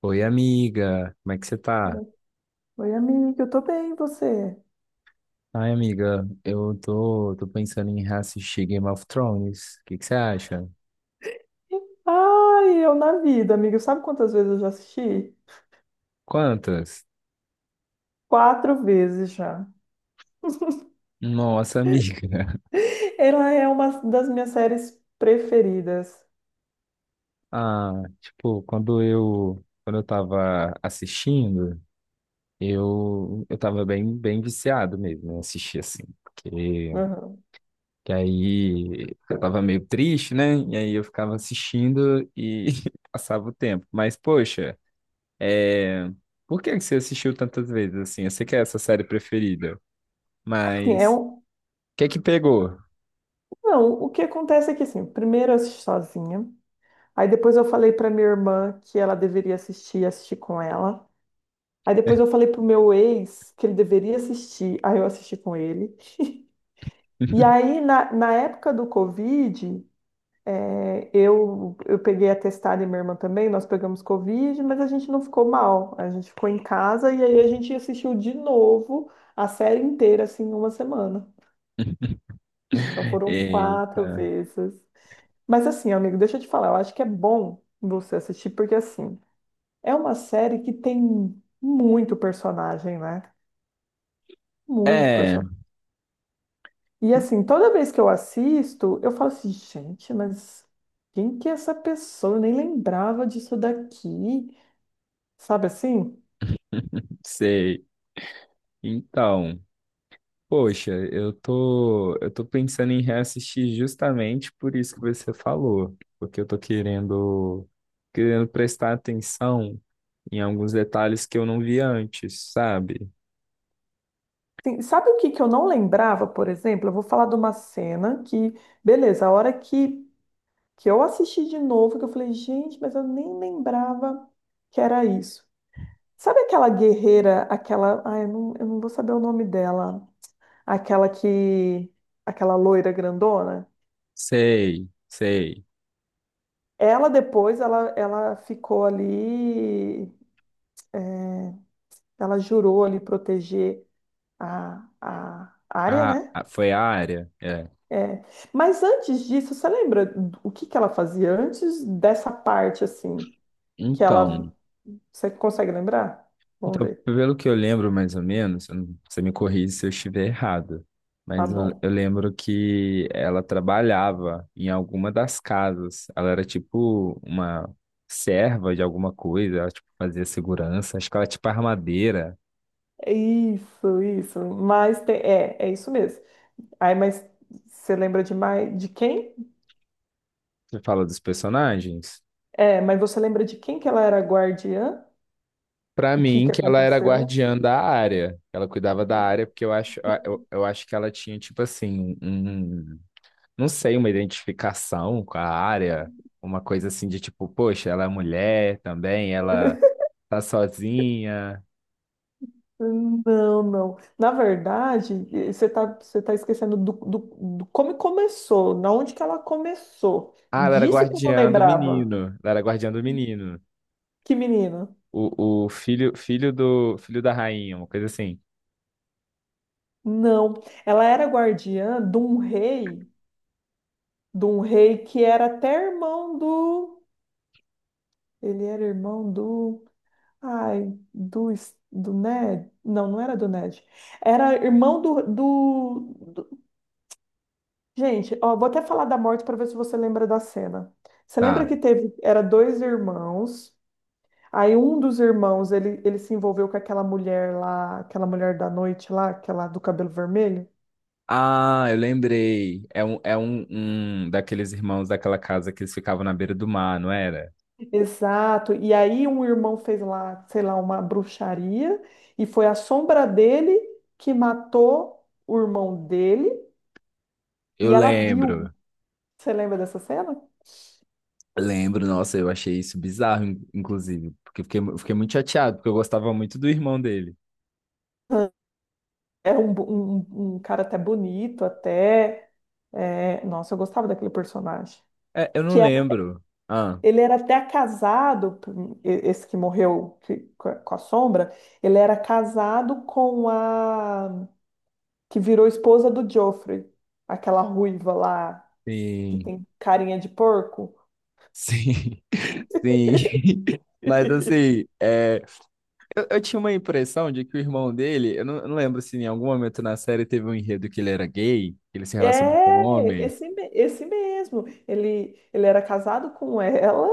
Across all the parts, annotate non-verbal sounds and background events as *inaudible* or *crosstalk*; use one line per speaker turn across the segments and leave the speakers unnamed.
Oi, amiga, como é que você tá?
Oi, amiga, eu tô bem, e você?
Ai, amiga, eu tô pensando em reassistir Game of Thrones. O que que você acha?
Ai, eu na vida, amiga. Sabe quantas vezes eu já assisti?
Quantas?
Quatro vezes já.
Nossa, amiga. *laughs*
Ela é uma das minhas séries preferidas.
Ah, tipo, quando eu tava assistindo, eu tava bem viciado mesmo, né? Assistir assim, porque
Uhum.
que aí eu tava meio triste, né? E aí eu ficava assistindo e *laughs* passava o tempo. Mas, poxa. É, Por que que você assistiu tantas vezes assim? Eu sei que é essa série preferida,
Assim, é
mas
um...
o que que pegou?
Não, o que acontece é que, assim, primeiro eu assisti sozinha. Aí depois eu falei pra minha irmã que ela deveria assistir, assistir com ela. Aí depois eu falei pro meu ex que ele deveria assistir, aí eu assisti com ele. *laughs* E
*laughs*
aí, na época do Covid, é, eu peguei atestado e minha irmã também, nós pegamos Covid, mas a gente não ficou mal. A gente ficou em casa e aí a gente assistiu de novo a série inteira, assim, em uma semana. Então foram quatro
Eita.
vezes. Mas assim, amigo, deixa eu te falar, eu acho que é bom você assistir, porque assim, é uma série que tem muito personagem, né? Muito
É,
personagem. E assim, toda vez que eu assisto, eu falo assim, gente, mas quem que é essa pessoa? Eu nem lembrava disso daqui. Sabe assim?
sei. Então, poxa, eu tô pensando em reassistir justamente por isso que você falou, porque eu tô querendo prestar atenção em alguns detalhes que eu não vi antes, sabe?
Sim, sabe o que que eu não lembrava, por exemplo? Eu vou falar de uma cena que, beleza, a hora que eu assisti de novo, que eu falei, gente, mas eu nem lembrava que era isso. Sabe aquela guerreira, aquela? Ai, eu não vou saber o nome dela. Aquela que. Aquela loira grandona?
Sei, sei.
Ela depois, ela ficou ali. Ela jurou ali proteger a área,
Ah,
né?
ah, foi a área? É.
É. Mas antes disso, você lembra do- o que que ela fazia antes dessa parte assim, que ela,
Então.
você consegue lembrar? Vamos
Então,
ver.
pelo que eu lembro, mais ou menos, eu não- você me corrige se eu estiver errado,
Tá
mas eu,
bom.
eu lembro que ela trabalhava em alguma das casas. Ela era tipo uma serva de alguma coisa, ela tipo fazia segurança, acho que ela era tipo armadeira.
É isso, isso. Mas te- é, é isso mesmo. Aí, mas você lembra de mais de quem?
Você fala dos personagens?
É, mas você lembra de quem que ela era guardiã?
Pra
O que
mim,
que
que ela era
aconteceu?
guardiã da área. Ela cuidava da área, porque eu acho, eu acho que ela tinha tipo assim, um não sei, uma identificação com a área, uma coisa assim de tipo, poxa, ela é mulher também, ela tá sozinha.
Não, não. Na verdade, eh, você tá esquecendo do como começou, na onde que ela começou.
Ah, ela era
Disso que eu não
guardiã do
lembrava.
menino, ela era guardiã do menino.
Que menina?
O filho, filho da rainha, uma coisa assim.
Não. Ela era guardiã de um rei que era até irmão do. Ele era irmão do. Ai, do, Es- do Ned. Não, não era do Ned. Era irmão do- Gente, ó, vou até falar da morte para ver se você lembra da cena. Você lembra
Tá.
que teve. Era dois irmãos. Aí um dos irmãos, ele se envolveu com aquela mulher lá, aquela mulher da noite lá, aquela do cabelo vermelho?
Ah, eu lembrei. É um um daqueles irmãos daquela casa que eles ficavam na beira do mar, não era?
Exato. E aí um irmão fez lá, sei lá, uma bruxaria e foi a sombra dele que matou o irmão dele
Eu
e ela viu.
lembro.
Você lembra dessa cena?
Lembro, nossa, eu achei isso bizarro, inclusive, porque eu fiquei muito chateado, porque eu gostava muito do irmão dele.
Era um, bo- um cara até bonito, até. É, nossa, eu gostava daquele personagem.
É, eu não
Que era-
lembro. Ah,
ele era até casado, e- esse que morreu que- com a sombra, ele era casado com a que virou esposa do Joffrey, aquela ruiva lá, que
sim,
tem carinha de porco.
sim, *laughs* sim. *laughs* Mas assim,
*laughs*
é, eu tinha uma impressão de que o irmão dele, eu não lembro se em algum momento na série teve um enredo que ele era gay, que ele se relacionou com um
É,
homem.
esse, me- esse mesmo. Ele era casado com ela,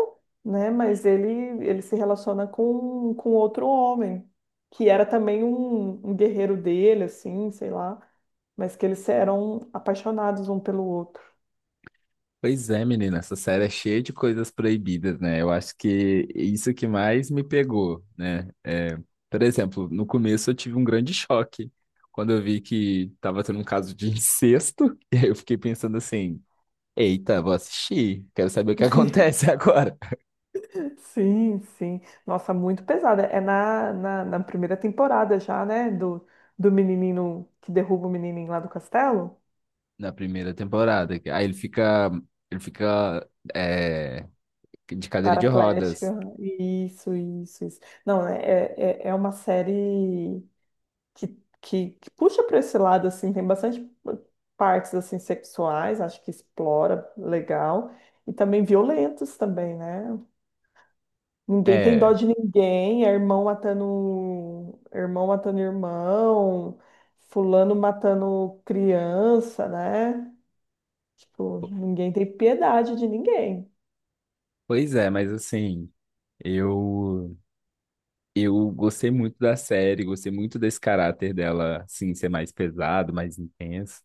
né? Mas ele se relaciona com outro homem, que era também um guerreiro dele, assim, sei lá. Mas que eles eram apaixonados um pelo outro.
Pois é, menina, essa série é cheia de coisas proibidas, né? Eu acho que isso que mais me pegou, né? É, por exemplo, no começo eu tive um grande choque quando eu vi que tava tendo um caso de incesto, *laughs* e aí eu fiquei pensando assim. Eita, vou assistir. Quero saber o que
*laughs*
acontece *laughs* agora.
Sim, sim. Nossa, muito pesada. É na na primeira temporada já, né? Do, do menininho que derruba o menininho lá do castelo.
Na primeira temporada. Aí ele fica. Ele fica. É, de cadeira de rodas.
Paraplégicas. Isso, isso, isso. Não, é é uma série que, que puxa para esse lado, assim, tem bastante partes, assim, sexuais, acho que explora legal, e também violentos também, né? Ninguém tem dó
É.
de ninguém, é irmão matando, um, irmão matando irmão, fulano matando criança, né? Tipo,
po-
ninguém tem piedade de ninguém.
Pois é, mas assim. Eu. Eu gostei muito da série. Gostei muito desse caráter dela, assim, ser mais pesado, mais intenso.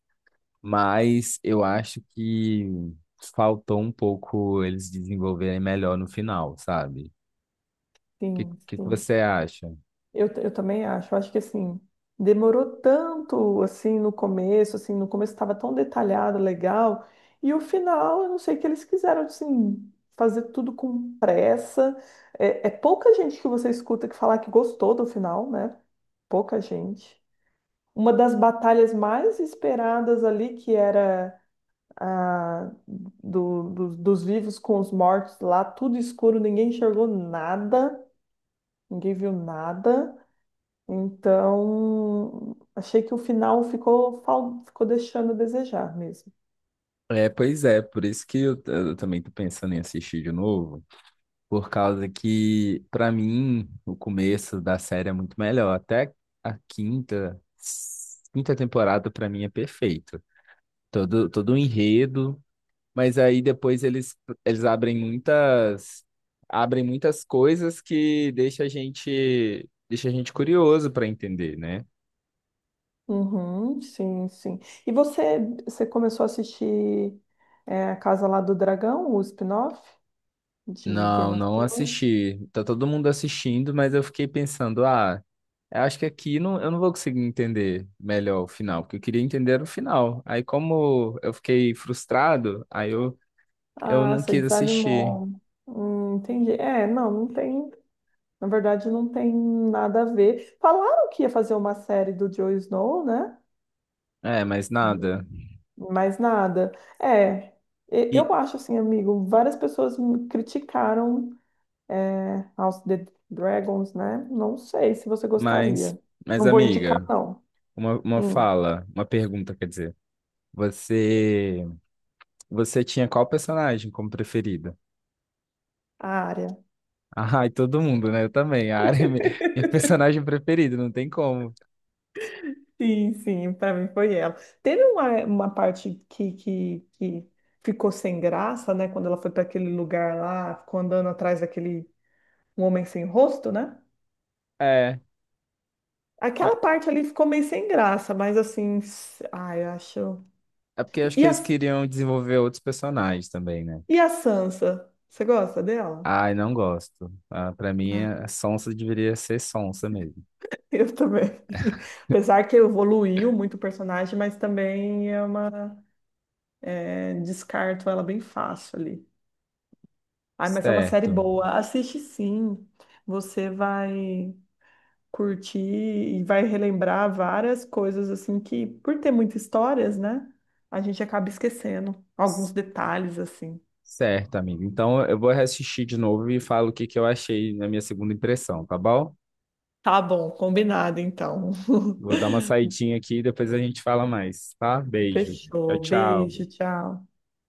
Mas eu acho que faltou um pouco eles desenvolverem melhor no final, sabe? O que,
Sim,
que
sim.
você acha?
Eu também acho. Eu acho que assim, demorou tanto assim, no começo estava tão detalhado, legal, e o final, eu não sei o que eles quiseram assim, fazer tudo com pressa. É, é pouca gente que você escuta que falar que gostou do final, né? Pouca gente. Uma das batalhas mais esperadas ali, que era a do, do- dos vivos com os mortos lá, tudo escuro, ninguém enxergou nada, ninguém viu nada. Então, achei que o final ficou, fal- ficou deixando a desejar mesmo.
É, pois é, por isso que eu também tô pensando em assistir de novo, por causa que, pra mim, o começo da série é muito melhor. Até a quinta temporada, pra mim, é perfeito. Todo o enredo, mas aí depois eles abrem abrem muitas coisas que deixa deixa a gente curioso pra entender, né?
Uhum, sim, sim. E você, você começou a assistir é, a Casa lá do Dragão, o spin-off de Game
Não,
of
não
Thrones?
assisti. Tá todo mundo assistindo, mas eu fiquei pensando, ah. Eu acho que aqui não, eu não vou conseguir entender melhor o final, porque eu queria entender era o final. Aí, como eu fiquei frustrado, eu
Ah,
não
você
quis assistir.
desanimou. Entendi. É, não, não tem. Na verdade, não tem nada a ver. Falaram que ia fazer uma série do Jon Snow, né?
É, mas nada.
Mais nada. É, e-
E,
eu acho assim, amigo, várias pessoas me criticaram é, House of the Dragons, né? Não sei se você
mas,
gostaria.
mas
Não vou indicar,
amiga,
não.
uma
Sim,
fala, uma pergunta, quer dizer. Você, você tinha qual personagem como preferida? *laughs*
a área.
Ah, e todo mundo, né? Eu também. A Arya é mi- minha
*laughs*
personagem preferida, não tem como.
Sim, sim, para mim foi ela. Teve uma parte que ficou sem graça, né? Quando ela foi para aquele lugar lá, ficou andando atrás daquele homem sem rosto, né?
É, mas
Aquela parte ali ficou meio sem graça, mas assim, s- ai, eu acho.
é porque eu acho
E
que
a
eles queriam desenvolver outros personagens também, né?
E a Sansa? Você gosta dela?
Ai, não gosto. Ah, para mim,
Ah,
a sonsa deveria ser sonsa mesmo.
eu também. *laughs* Apesar que evoluiu muito o personagem, mas também é uma. É, descarto ela bem fácil ali. Ai, mas é uma série
Certo.
boa. Assiste sim. Você vai curtir e vai relembrar várias coisas assim que, por ter muitas histórias, né? A gente acaba esquecendo
C-
alguns detalhes assim.
Certo, amigo. Então, eu vou assistir de novo e falo o que que eu achei na minha segunda impressão, tá bom?
Tá bom, combinado então.
Vou dar uma saidinha aqui e depois a gente fala mais, tá?
*laughs*
Beijo. Tchau,
Fechou. Beijo,
tchau.
tchau.